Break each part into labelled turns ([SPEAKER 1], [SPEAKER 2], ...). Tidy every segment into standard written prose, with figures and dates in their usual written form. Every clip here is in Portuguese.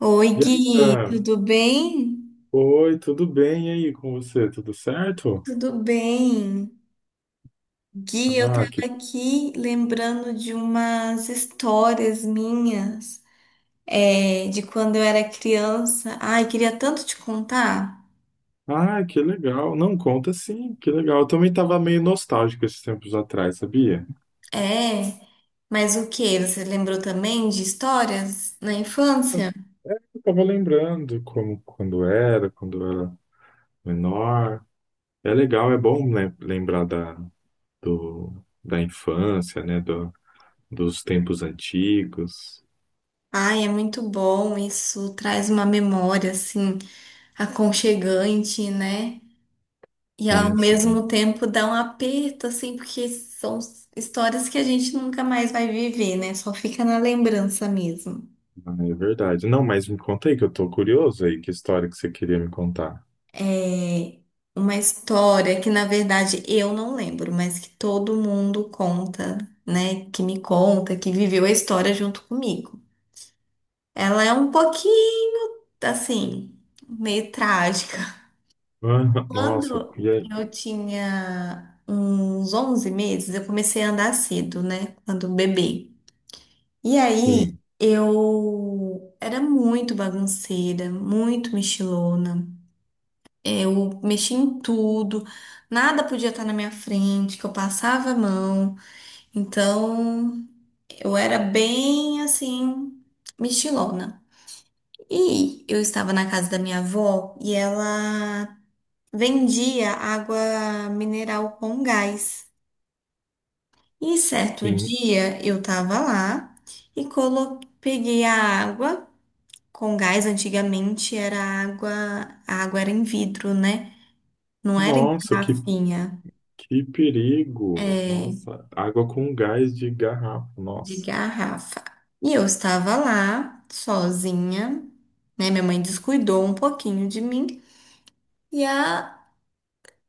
[SPEAKER 1] Oi,
[SPEAKER 2] E aí,
[SPEAKER 1] Gui,
[SPEAKER 2] tá?
[SPEAKER 1] tudo bem?
[SPEAKER 2] Oi, tudo bem? E aí, com você? Tudo certo?
[SPEAKER 1] Tudo bem. Gui, eu
[SPEAKER 2] Ah, que,
[SPEAKER 1] tava aqui lembrando de umas histórias minhas, de quando eu era criança. Ai, queria tanto te contar.
[SPEAKER 2] ah, que legal. Não, conta sim, que legal. Eu também estava meio nostálgico esses tempos atrás, sabia?
[SPEAKER 1] É, mas o que? Você lembrou também de histórias na infância?
[SPEAKER 2] Eu tava lembrando como quando eu era menor. É legal, é bom lembrar do, da infância, né? Dos tempos antigos.
[SPEAKER 1] Ai, é muito bom, isso traz uma memória, assim, aconchegante, né? E ao
[SPEAKER 2] Sim, sim.
[SPEAKER 1] mesmo tempo dá um aperto, assim, porque são histórias que a gente nunca mais vai viver, né? Só fica na lembrança mesmo.
[SPEAKER 2] Ah, é verdade. Não, mas me conta aí que eu tô curioso aí, que história que você queria me contar.
[SPEAKER 1] É uma história que, na verdade, eu não lembro, mas que todo mundo conta, né? Que me conta, que viveu a história junto comigo. Ela é um pouquinho, assim, meio trágica.
[SPEAKER 2] Ah, nossa,
[SPEAKER 1] Quando
[SPEAKER 2] e aí?
[SPEAKER 1] eu tinha uns 11 meses, eu comecei a andar cedo, né? Quando bebê. E aí,
[SPEAKER 2] Sim.
[SPEAKER 1] eu era muito bagunceira, muito mexilona. Eu mexia em tudo, nada podia estar na minha frente, que eu passava a mão. Então, eu era bem assim, mexilona. E eu estava na casa da minha avó e ela vendia água mineral com gás. E certo
[SPEAKER 2] Sim.
[SPEAKER 1] dia eu estava lá e colo... peguei a água. Com gás, antigamente era água, a água era em vidro, né? Não era em
[SPEAKER 2] Nossa, que,
[SPEAKER 1] garrafinha,
[SPEAKER 2] que perigo!
[SPEAKER 1] é,
[SPEAKER 2] Nossa, água com gás de garrafa.
[SPEAKER 1] de
[SPEAKER 2] Nossa,
[SPEAKER 1] garrafa. E eu estava lá, sozinha, né? Minha mãe descuidou um pouquinho de mim e a...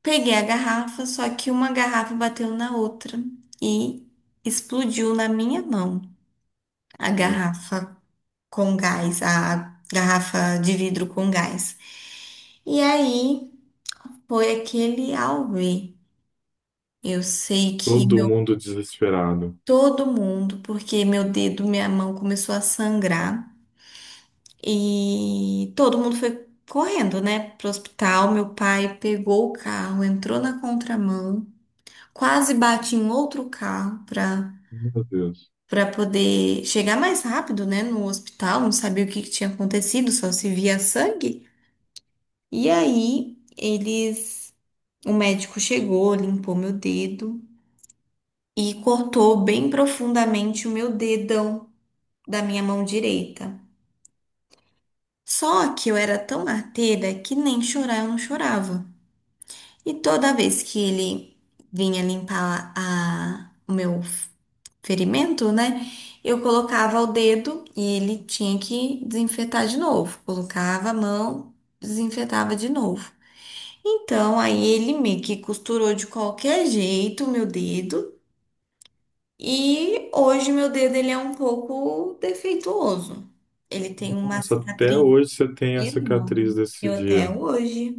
[SPEAKER 1] peguei a garrafa, só que uma garrafa bateu na outra e explodiu na minha mão a
[SPEAKER 2] meu Deus.
[SPEAKER 1] garrafa com gás, a garrafa de vidro com gás. E aí foi aquele auê. Eu sei que
[SPEAKER 2] Todo
[SPEAKER 1] meu
[SPEAKER 2] mundo desesperado.
[SPEAKER 1] todo mundo, porque meu dedo, minha mão começou a sangrar e todo mundo foi correndo, né, pro hospital. Meu pai pegou o carro, entrou na contramão, quase bate em outro carro para
[SPEAKER 2] Meu Deus.
[SPEAKER 1] para poder chegar mais rápido, né, no hospital. Não sabia o que que tinha acontecido, só se via sangue. E aí eles, o médico chegou, limpou meu dedo e cortou bem profundamente o meu dedão da minha mão direita. Só que eu era tão arteira que nem chorar eu não chorava. E toda vez que ele vinha limpar a, o meu ferimento, né? Eu colocava o dedo e ele tinha que desinfetar de novo. Colocava a mão, desinfetava de novo. Então, aí ele meio que costurou de qualquer jeito o meu dedo. E hoje meu dedo ele é um pouco defeituoso. Ele tem uma
[SPEAKER 2] Nossa, até
[SPEAKER 1] cicatriz
[SPEAKER 2] hoje você tem a cicatriz
[SPEAKER 1] enorme.
[SPEAKER 2] desse
[SPEAKER 1] Eu até
[SPEAKER 2] dia.
[SPEAKER 1] hoje.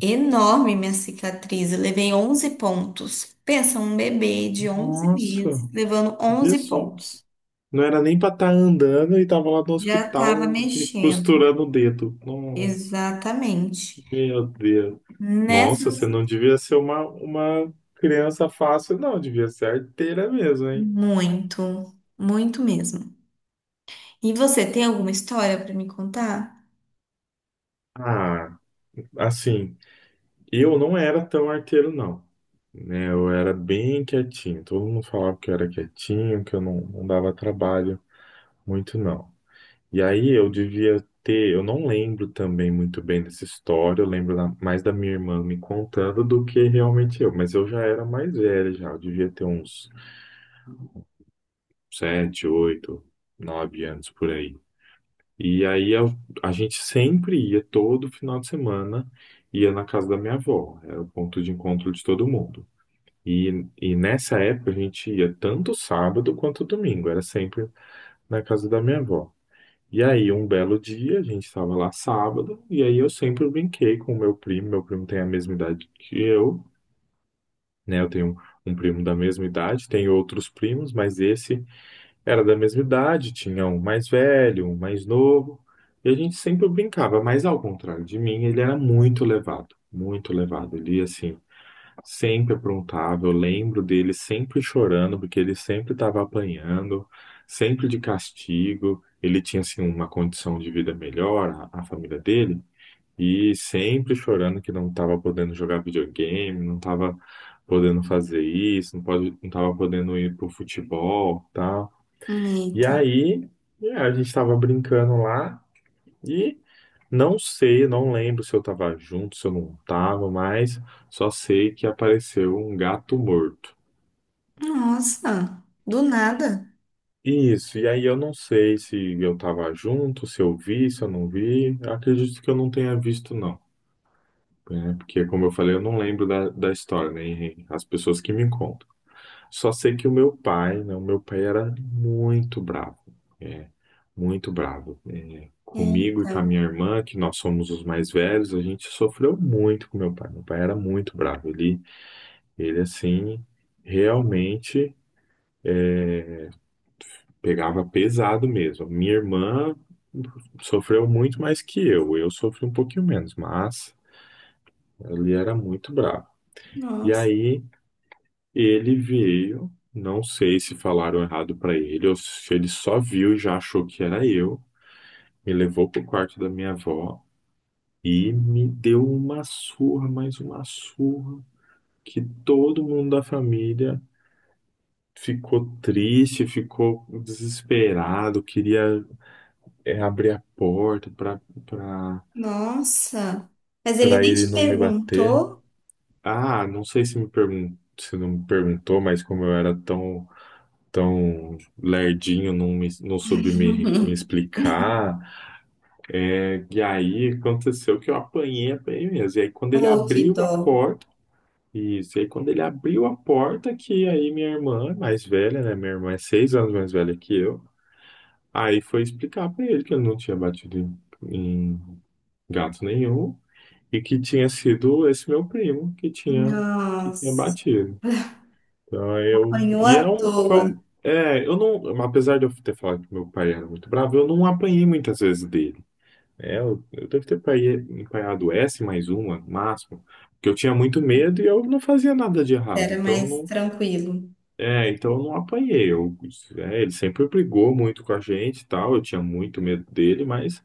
[SPEAKER 1] Enorme minha cicatriz. Eu levei 11 pontos. Pensa, um bebê de onze
[SPEAKER 2] Nossa,
[SPEAKER 1] meses levando onze
[SPEAKER 2] Jesus.
[SPEAKER 1] pontos.
[SPEAKER 2] Não era nem pra estar andando e tava lá no
[SPEAKER 1] Já tava
[SPEAKER 2] hospital e
[SPEAKER 1] mexendo.
[SPEAKER 2] costurando o dedo. Nossa,
[SPEAKER 1] Exatamente.
[SPEAKER 2] meu Deus.
[SPEAKER 1] Nessa,
[SPEAKER 2] Nossa, você não devia ser uma criança fácil, não. Devia ser arteira mesmo, hein?
[SPEAKER 1] muito, muito mesmo. E você tem alguma história para me contar?
[SPEAKER 2] Ah, assim. Eu não era tão arteiro, não. Né? Eu era bem quietinho. Todo mundo falava que eu era quietinho, que eu não dava trabalho muito, não. E aí eu devia ter. Eu não lembro também muito bem dessa história. Eu lembro mais da minha irmã me contando do que realmente eu. Mas eu já era mais velho, já. Eu devia ter uns 7, 8, 9 anos por aí. E aí a gente sempre ia, todo final de semana, ia na casa da minha avó. Era o ponto de encontro de todo mundo. E nessa época a gente ia tanto sábado quanto domingo, era sempre na casa da minha avó. E aí, um belo dia, a gente estava lá sábado, e aí eu sempre brinquei com o meu primo. Meu primo tem a mesma idade que eu, né? Eu tenho um primo da mesma idade, tenho outros primos, mas esse era da mesma idade, tinha um mais velho, um mais novo, e a gente sempre brincava, mas ao contrário de mim, ele era muito levado, muito levado. Ele, assim, sempre aprontava, eu lembro dele sempre chorando, porque ele sempre estava apanhando, sempre de castigo. Ele tinha assim uma condição de vida melhor, a família dele, e sempre chorando que não estava podendo jogar videogame, não estava podendo fazer isso, não pode, não estava podendo ir pro futebol, tal. E
[SPEAKER 1] Eita.
[SPEAKER 2] aí, a gente estava brincando lá. E não sei, não lembro se eu estava junto, se eu não estava, mas só sei que apareceu um gato morto.
[SPEAKER 1] Nossa, do nada.
[SPEAKER 2] Isso, e aí eu não sei se eu estava junto, se eu vi, se eu não vi. Eu acredito que eu não tenha visto, não. Né? Porque, como eu falei, eu não lembro da história, nem as pessoas que me contam. Só sei que o meu pai, né? O meu pai era muito bravo, é, muito bravo. É, comigo e
[SPEAKER 1] Eita.
[SPEAKER 2] com a minha irmã, que nós somos os mais velhos, a gente sofreu muito com meu pai. Meu pai era muito bravo. Ele assim, realmente pegava pesado mesmo. Minha irmã sofreu muito mais que eu. Eu sofri um pouquinho menos, mas ele era muito bravo. E
[SPEAKER 1] Nossa.
[SPEAKER 2] aí ele veio, não sei se falaram errado pra ele ou se ele só viu e já achou que era eu. Me levou pro quarto da minha avó e me deu uma surra, mais uma surra, que todo mundo da família ficou triste, ficou desesperado, queria abrir a porta pra para
[SPEAKER 1] Nossa. Mas ele
[SPEAKER 2] para
[SPEAKER 1] nem
[SPEAKER 2] ele
[SPEAKER 1] te
[SPEAKER 2] não me bater.
[SPEAKER 1] perguntou.
[SPEAKER 2] Ah, não sei se não me perguntou, mas como eu era tão lerdinho, não, não soube me explicar. Né? E aí aconteceu que eu apanhei, apanhei mesmo. E aí quando ele
[SPEAKER 1] Oh, que
[SPEAKER 2] abriu a
[SPEAKER 1] dó.
[SPEAKER 2] porta, isso, e aí quando ele abriu a porta, que aí minha irmã, é mais velha, né? Minha irmã é 6 anos mais velha que eu. Aí foi explicar pra ele que eu não tinha batido em gato nenhum e que tinha sido esse meu primo que tinha
[SPEAKER 1] Nossa,
[SPEAKER 2] batido. Então, eu.
[SPEAKER 1] apanhou
[SPEAKER 2] E é
[SPEAKER 1] à
[SPEAKER 2] um. Foi
[SPEAKER 1] toa.
[SPEAKER 2] um eu não. Apesar de eu ter falado que meu pai era muito bravo, eu não apanhei muitas vezes dele. É, eu devo ter apanhado S mais uma, no máximo. Porque eu tinha muito medo e eu não fazia nada de errado.
[SPEAKER 1] Era
[SPEAKER 2] Então, eu
[SPEAKER 1] mais
[SPEAKER 2] não.
[SPEAKER 1] tranquilo.
[SPEAKER 2] É, então eu não apanhei. Ele sempre brigou muito com a gente e tal. Eu tinha muito medo dele, mas.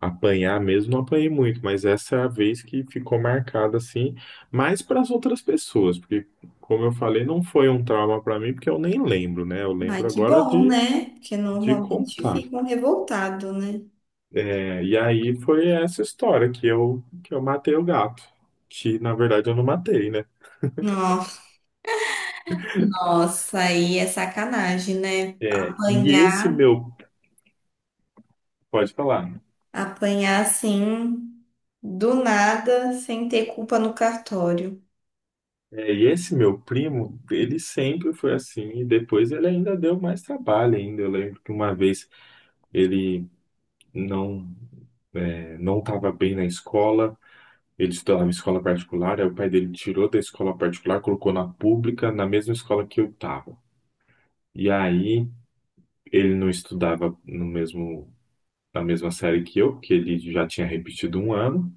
[SPEAKER 2] Apanhar mesmo não apanhei muito, mas essa é a vez que ficou marcada assim, mais para as outras pessoas, porque, como eu falei, não foi um trauma para mim, porque eu nem lembro, né? Eu
[SPEAKER 1] Ai,
[SPEAKER 2] lembro
[SPEAKER 1] que
[SPEAKER 2] agora
[SPEAKER 1] bom,
[SPEAKER 2] de,
[SPEAKER 1] né? Porque
[SPEAKER 2] de
[SPEAKER 1] normalmente
[SPEAKER 2] contar.
[SPEAKER 1] ficam revoltados, né?
[SPEAKER 2] É, e aí foi essa história que que eu matei o gato, que na verdade eu não matei, né?
[SPEAKER 1] Nossa, nossa, aí é sacanagem, né?
[SPEAKER 2] É, e esse
[SPEAKER 1] Apanhar,
[SPEAKER 2] meu, pode falar, né?
[SPEAKER 1] apanhar assim, do nada, sem ter culpa no cartório.
[SPEAKER 2] E esse meu primo, ele sempre foi assim, e depois ele ainda deu mais trabalho ainda. Eu lembro que uma vez ele não não estava bem na escola, ele estudava em escola particular, aí o pai dele tirou da escola particular, colocou na pública, na mesma escola que eu estava. E aí ele não estudava no mesmo, na mesma série que eu, porque ele já tinha repetido um ano.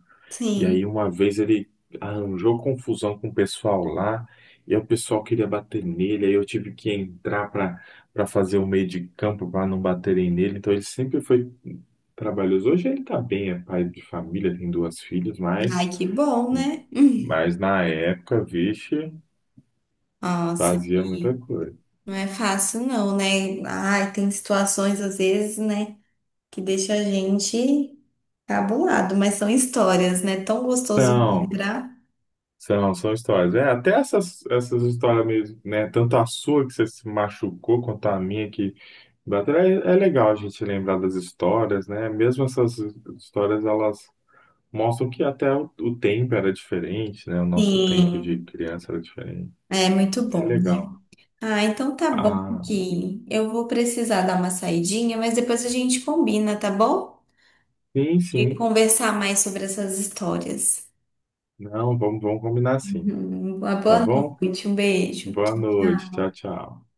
[SPEAKER 2] E aí
[SPEAKER 1] Sim.
[SPEAKER 2] uma vez ele arranjou confusão com o pessoal lá, e aí o pessoal queria bater nele, aí eu tive que entrar para fazer o meio de campo para não baterem nele. Então ele sempre foi trabalhoso. Hoje ele tá bem, é pai de família, tem duas filhas, mas
[SPEAKER 1] Ai, que bom, né? Hum.
[SPEAKER 2] na época, vixe,
[SPEAKER 1] Nossa,
[SPEAKER 2] fazia muita
[SPEAKER 1] e
[SPEAKER 2] coisa.
[SPEAKER 1] não é fácil não, né? Ai, tem situações às vezes, né, que deixa a gente cabulado, mas são histórias, né? Tão gostoso de
[SPEAKER 2] Então,
[SPEAKER 1] lembrar.
[SPEAKER 2] São histórias. É, até essas histórias mesmo, né? Tanto a sua que você se machucou, quanto a minha que bateu. É, é legal a gente lembrar das histórias, né? Mesmo essas histórias, elas mostram que até o tempo era diferente, né? O nosso tempo de
[SPEAKER 1] Sim,
[SPEAKER 2] criança era diferente.
[SPEAKER 1] é muito
[SPEAKER 2] É
[SPEAKER 1] bom, né?
[SPEAKER 2] legal.
[SPEAKER 1] Ah, então tá bom
[SPEAKER 2] Ah,
[SPEAKER 1] que eu vou precisar dar uma saidinha, mas depois a gente combina, tá bom?
[SPEAKER 2] sim,
[SPEAKER 1] De
[SPEAKER 2] sim.
[SPEAKER 1] conversar mais sobre essas histórias.
[SPEAKER 2] Não, vamos, vamos combinar sim.
[SPEAKER 1] Uhum, uma
[SPEAKER 2] Tá
[SPEAKER 1] boa
[SPEAKER 2] bom?
[SPEAKER 1] noite, um beijo.
[SPEAKER 2] Boa
[SPEAKER 1] Tchau,
[SPEAKER 2] noite.
[SPEAKER 1] tchau.
[SPEAKER 2] Tchau, tchau.